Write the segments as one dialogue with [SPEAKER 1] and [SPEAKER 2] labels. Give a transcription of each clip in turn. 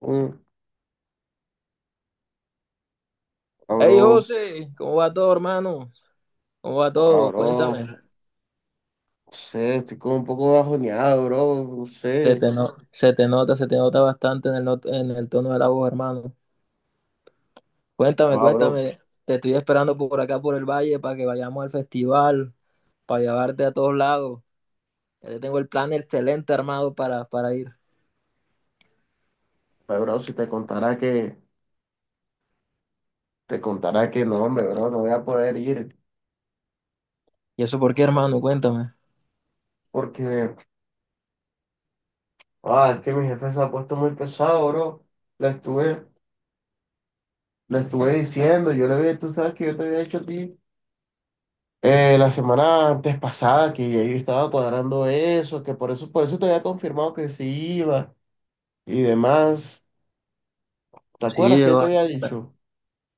[SPEAKER 1] Mm,
[SPEAKER 2] Hey
[SPEAKER 1] bro,
[SPEAKER 2] José, ¿cómo va todo, hermano? ¿Cómo va
[SPEAKER 1] ah,
[SPEAKER 2] todo?
[SPEAKER 1] bro,
[SPEAKER 2] Cuéntame.
[SPEAKER 1] no sé, estoy como un poco bajoneado, bro, no sé.
[SPEAKER 2] Se te nota bastante en el, not- en el tono de la voz, hermano. Cuéntame,
[SPEAKER 1] Ah, bro,
[SPEAKER 2] cuéntame. Te estoy esperando por acá, por el valle, para que vayamos al festival, para llevarte a todos lados. Ya te tengo el plan excelente armado para ir.
[SPEAKER 1] si te contara que, no, hombre, bro, no voy a poder ir
[SPEAKER 2] ¿Y eso por qué, hermano? Cuéntame.
[SPEAKER 1] porque, es que mi jefe se ha puesto muy pesado, bro. Le estuve, Le estuve diciendo, yo le había, tú sabes que yo te había dicho a ti la semana antes pasada que yo estaba cuadrando eso, por eso te había confirmado que sí iba y demás. ¿Te acuerdas
[SPEAKER 2] Sí,
[SPEAKER 1] que yo te había dicho?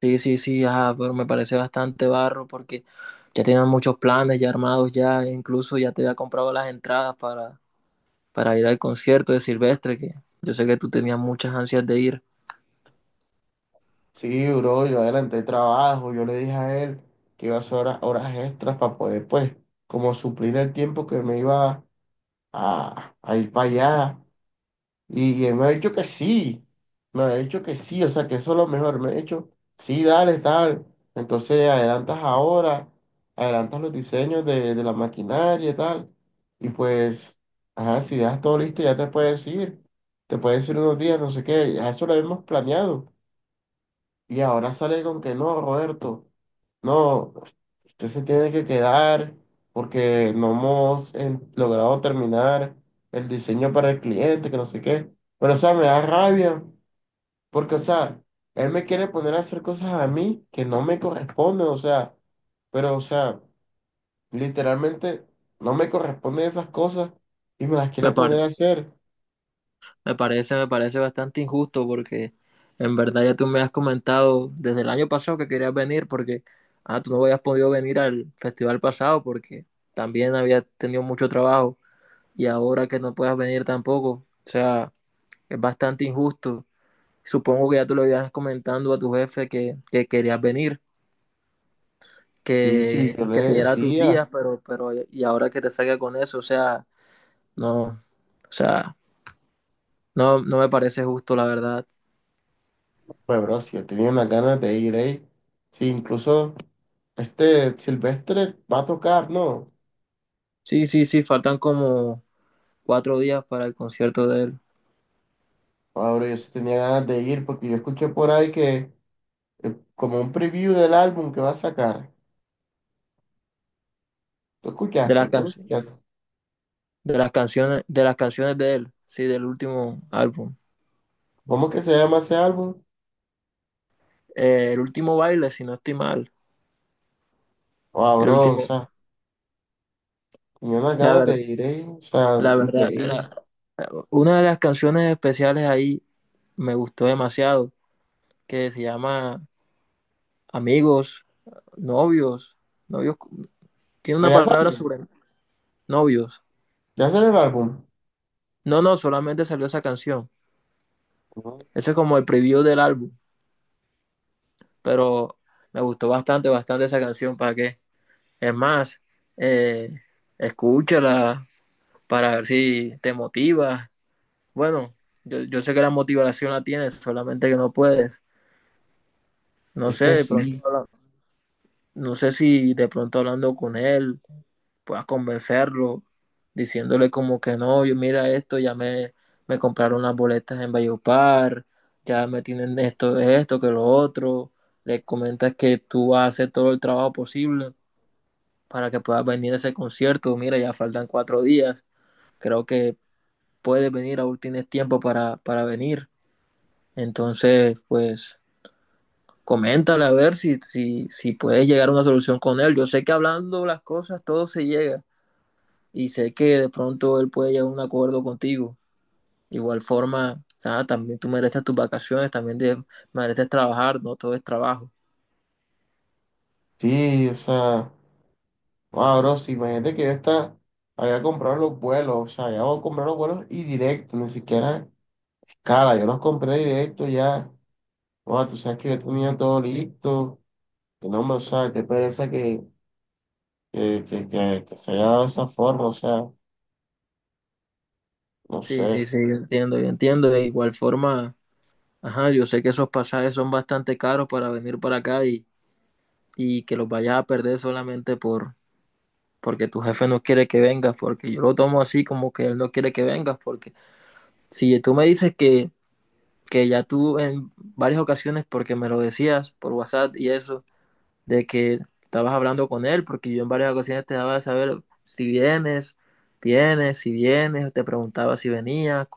[SPEAKER 2] sí, sí, sí, ajá, pero me parece bastante barro porque ya tienen muchos planes ya armados, ya incluso ya te había comprado las entradas para ir al concierto de Silvestre, que yo sé que tú tenías muchas ansias de ir.
[SPEAKER 1] Sí, bro, yo adelanté el trabajo, yo le dije a él que iba a hacer horas extras para poder, pues, como suplir el tiempo que me iba a ir para allá. Y él me ha dicho que sí, me ha dicho que sí, o sea, que eso es lo mejor. Me ha dicho, sí, dale, tal. Entonces, adelantas los diseños de la maquinaria y tal. Y pues, ajá, si ya todo listo, te puedes ir unos días, no sé qué, ya eso lo hemos planeado. Y ahora sale con que no, Roberto, no, usted se tiene que quedar porque no hemos logrado terminar el diseño para el cliente, que no sé qué. Pero, o sea, me da rabia porque, o sea, él me quiere poner a hacer cosas a mí que no me corresponden, o sea, pero, o sea, literalmente no me corresponden esas cosas y me las
[SPEAKER 2] Me
[SPEAKER 1] quiere poner
[SPEAKER 2] pare-
[SPEAKER 1] a hacer.
[SPEAKER 2] me parece bastante injusto porque en verdad ya tú me has comentado desde el año pasado que querías venir porque tú no habías podido venir al festival pasado porque también habías tenido mucho trabajo y ahora que no puedas venir tampoco, o sea, es bastante injusto. Supongo que ya tú lo ibas comentando a tu jefe que querías venir,
[SPEAKER 1] Sí, sí,
[SPEAKER 2] que,
[SPEAKER 1] yo le
[SPEAKER 2] que te diera tus
[SPEAKER 1] decía,
[SPEAKER 2] días, pero y ahora que te salga con eso, o sea, no, o sea, no me parece justo, la verdad.
[SPEAKER 1] pues, bro, si yo tenía unas ganas de ir ahí, sí, incluso. Este Silvestre va a tocar, ¿no?
[SPEAKER 2] Sí, sí, sí, faltan como cuatro días para el concierto de él,
[SPEAKER 1] Ahora yo sí tenía ganas de ir porque yo escuché por ahí que como un preview del álbum que va a sacar. ¿Tú
[SPEAKER 2] de
[SPEAKER 1] escuchaste?
[SPEAKER 2] las
[SPEAKER 1] ¿Tú
[SPEAKER 2] can-
[SPEAKER 1] lo escuchaste?
[SPEAKER 2] de las canciones de él, sí, del último álbum.
[SPEAKER 1] ¿Cómo que se llama ese álbum?
[SPEAKER 2] El último baile, si no estoy mal,
[SPEAKER 1] Ah,
[SPEAKER 2] el
[SPEAKER 1] bro, o
[SPEAKER 2] último,
[SPEAKER 1] sea, tenía unas
[SPEAKER 2] la
[SPEAKER 1] ganas de
[SPEAKER 2] ver-
[SPEAKER 1] ir, o sea,
[SPEAKER 2] la verdad,
[SPEAKER 1] increíble.
[SPEAKER 2] una de las canciones especiales ahí me gustó demasiado, que se llama Amigos, Novios, Novios, tiene
[SPEAKER 1] Pero
[SPEAKER 2] una palabra sobre novios.
[SPEAKER 1] ya salió el álbum.
[SPEAKER 2] No, no, solamente salió esa canción.
[SPEAKER 1] Ujú.
[SPEAKER 2] Eso es como el preview del álbum, pero me gustó bastante, bastante esa canción, ¿para qué? Es más, eh, escúchala para ver si te motiva. Bueno, yo sé que la motivación la tienes, solamente que no puedes. No
[SPEAKER 1] Es
[SPEAKER 2] sé,
[SPEAKER 1] que
[SPEAKER 2] de pronto
[SPEAKER 1] sí,
[SPEAKER 2] la No sé si de pronto hablando con él puedas convencerlo, diciéndole como que no, yo mira esto, ya me compraron las boletas en Valledupar, ya me tienen esto, esto, que lo otro. Le comentas que tú vas a hacer todo el trabajo posible para que puedas venir a ese concierto. Mira, ya faltan cuatro días. Creo que puedes venir, aún tienes tiempo para venir. Entonces, pues coméntale a ver si puedes llegar a una solución con él. Yo sé que hablando las cosas todo se llega y sé que de pronto él puede llegar a un acuerdo contigo. De igual forma, también tú mereces tus vacaciones, también mereces trabajar, no todo es trabajo.
[SPEAKER 1] sí, o sea, ah, bro, sí, imagínate que había comprado los vuelos, o sea, ya voy a comprar los vuelos y directo, ni siquiera escala, yo los compré directo ya. Wow, tú sabes que yo tenía todo listo, que no me, o sea, qué pereza que, que se haya dado esa forma, o sea, no
[SPEAKER 2] Sí,
[SPEAKER 1] sé.
[SPEAKER 2] sí, sí, yo entiendo, yo entiendo. De igual forma, ajá, yo sé que esos pasajes son bastante caros para venir para acá y que los vayas a perder solamente porque tu jefe no quiere que vengas, porque yo lo tomo así como que él no quiere que vengas, porque si tú me dices que ya tú en varias ocasiones, porque me lo decías por WhatsApp y eso, de que estabas hablando con él, porque yo en varias ocasiones te daba de saber si vienes, si vienes, te preguntaba si venías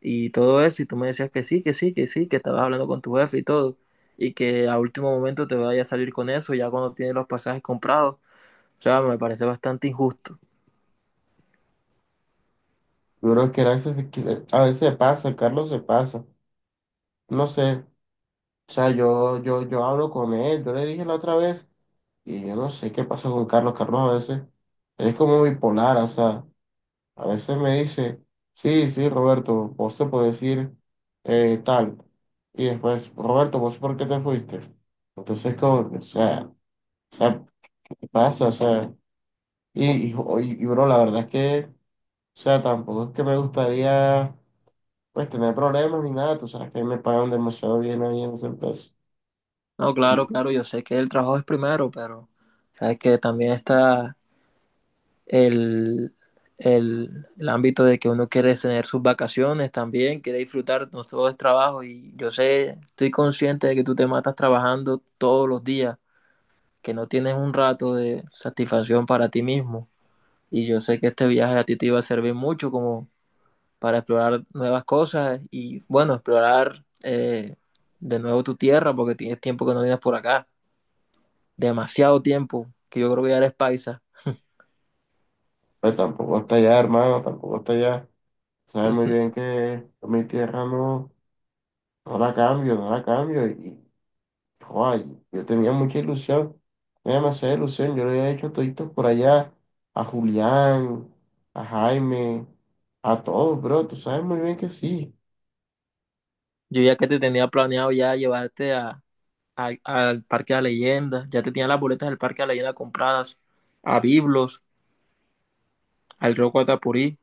[SPEAKER 2] y todo eso, y tú me decías que sí, que sí, que sí, que estabas hablando con tu jefe y todo, y que a último momento te vaya a salir con eso ya cuando tienes los pasajes comprados. O sea, me parece bastante injusto.
[SPEAKER 1] Yo creo que a veces, a veces se pasa, Carlos se pasa, no sé. O sea, yo hablo con él, yo le dije la otra vez, y yo no sé qué pasa con Carlos. Carlos a veces es como bipolar, o sea, a veces me dice, sí, sí, Roberto, vos te podés ir tal. Y después, Roberto, ¿vos por qué te fuiste? Entonces, como, que, o sea. O sea, ¿qué pasa? O sea, bro, la verdad es que, o sea, tampoco es que me gustaría, pues, tener problemas ni nada. Tú sabes que a mí me pagan demasiado bien ahí en esa empresa.
[SPEAKER 2] No, claro,
[SPEAKER 1] Y,
[SPEAKER 2] claro, yo sé que el trabajo es primero, pero sabes que también está el, el ámbito de que uno quiere tener sus vacaciones también, quiere disfrutar, no todo es trabajo y yo sé, estoy consciente de que tú te matas trabajando todos los días, que no tienes un rato de satisfacción para ti mismo y yo sé que este viaje a ti te iba a servir mucho como para explorar nuevas cosas y bueno, explorar de nuevo tu tierra porque tienes tiempo que no vienes por acá, demasiado tiempo, que yo creo que ya eres paisa.
[SPEAKER 1] Pues tampoco está allá, hermano, tampoco está allá. Sabes muy bien que mi tierra no, no la cambio, no la cambio. Y, joder, yo tenía mucha ilusión, tenía demasiada ilusión. Yo le había hecho toditos por allá a Julián, a Jaime, a todos, bro. Tú sabes muy bien que sí.
[SPEAKER 2] Yo ya que te tenía planeado ya llevarte al Parque de la Leyenda, ya te tenían las boletas del Parque de la Leyenda compradas, a Biblos, al río Atapurí.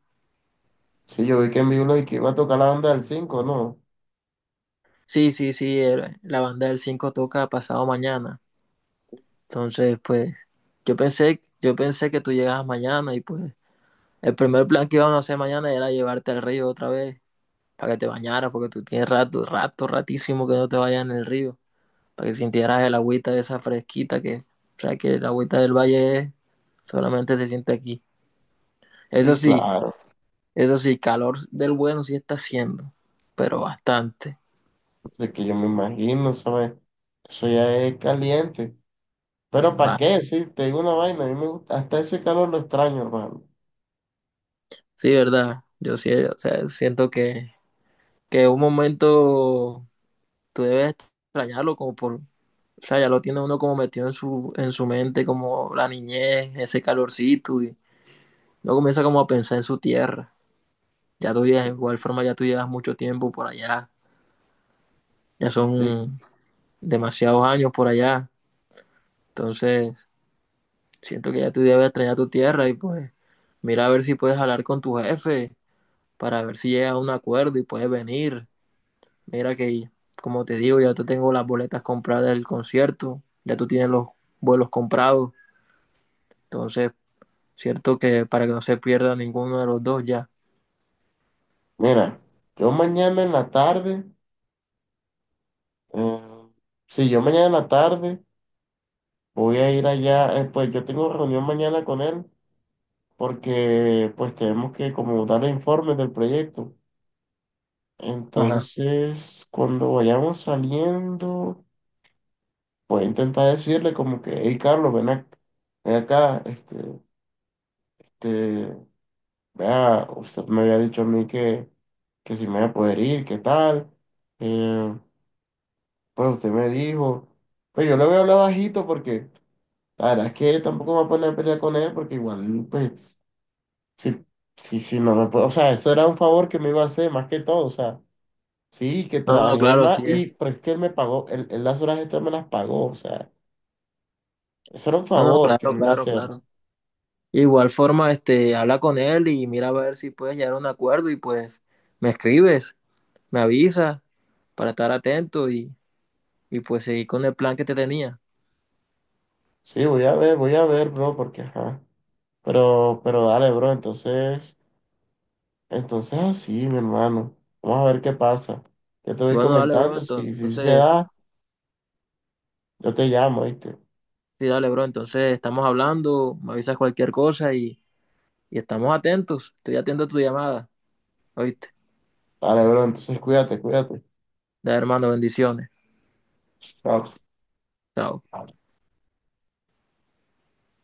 [SPEAKER 1] Sí, yo vi que en vivo y que iba a tocar la banda del 5, ¿no?
[SPEAKER 2] Sí, sí, sí, la banda del 5 toca pasado mañana. Entonces, pues, yo pensé que tú llegabas mañana y pues el primer plan que íbamos a hacer mañana era llevarte al río otra vez para que te bañaras, porque tú tienes rato, rato, ratísimo que no te vayas en el río, para que sintieras el agüita esa fresquita que, o sea, que el agüita del valle solamente se siente aquí. Eso
[SPEAKER 1] Sí,
[SPEAKER 2] sí,
[SPEAKER 1] claro.
[SPEAKER 2] Eso sí, calor del bueno sí está haciendo, pero bastante.
[SPEAKER 1] Así que yo me imagino, ¿sabes? Eso ya es caliente. Pero ¿para
[SPEAKER 2] Va.
[SPEAKER 1] qué? Sí, te digo una vaina. A mí me gusta, hasta ese calor lo extraño, hermano.
[SPEAKER 2] Sí, verdad. Yo sí, o sea, siento que un momento tú debes extrañarlo como por, o sea, ya lo tiene uno como metido en su mente, como la niñez, ese calorcito, y luego comienza como a pensar en su tierra. De
[SPEAKER 1] Sí.
[SPEAKER 2] igual forma ya tú llevas mucho tiempo por allá, ya
[SPEAKER 1] Sí.
[SPEAKER 2] son demasiados años por allá, entonces siento que ya tú debes extrañar tu tierra y pues mira a ver si puedes hablar con tu jefe para ver si llega a un acuerdo y puedes venir. Mira que, como te digo, ya te tengo las boletas compradas del concierto, ya tú tienes los vuelos comprados, entonces, cierto que para que no se pierda ninguno de los dos ya.
[SPEAKER 1] Mira, yo mañana en la tarde, eh, sí, yo mañana en la tarde voy a ir allá, pues yo tengo reunión mañana con él porque pues tenemos que como darle informes del proyecto.
[SPEAKER 2] Ajá.
[SPEAKER 1] Entonces, cuando vayamos saliendo... Voy a intentar decirle como que, hey Carlos, ven, ven acá, este, te, vea, usted me había dicho a mí que si me iba a poder ir, qué tal. Eh, pues usted me dijo, pues yo le voy a hablar bajito porque la verdad es que tampoco me voy a poner a pelear con él porque igual, pues, si, si no me puedo, o sea, eso era un favor que me iba a hacer más que todo, o sea, sí, que
[SPEAKER 2] No, no,
[SPEAKER 1] trabajé
[SPEAKER 2] claro,
[SPEAKER 1] más
[SPEAKER 2] sí
[SPEAKER 1] y,
[SPEAKER 2] es.
[SPEAKER 1] pero es que él me pagó, él las horas extras me las pagó, o sea, eso era un
[SPEAKER 2] No, no,
[SPEAKER 1] favor que
[SPEAKER 2] claro,
[SPEAKER 1] me iba a
[SPEAKER 2] claro,
[SPEAKER 1] hacer.
[SPEAKER 2] claro. Igual forma, este, habla con él y mira a ver si puedes llegar a un acuerdo y pues me escribes, me avisas para estar atento y pues seguir con el plan que te tenía.
[SPEAKER 1] Sí, voy a ver, bro, porque ajá. Pero dale, bro, entonces, entonces así, mi hermano. Vamos a ver qué pasa. Yo te voy
[SPEAKER 2] Bueno, dale, bro,
[SPEAKER 1] comentando, si se
[SPEAKER 2] entonces.
[SPEAKER 1] da, yo te llamo, ¿viste?
[SPEAKER 2] Sí, dale, bro. Entonces estamos hablando, me avisas cualquier cosa y estamos atentos. Estoy atento a tu llamada. ¿Oíste?
[SPEAKER 1] Dale, bro, entonces cuídate, cuídate.
[SPEAKER 2] Da, hermano, bendiciones.
[SPEAKER 1] Chao.
[SPEAKER 2] Chao.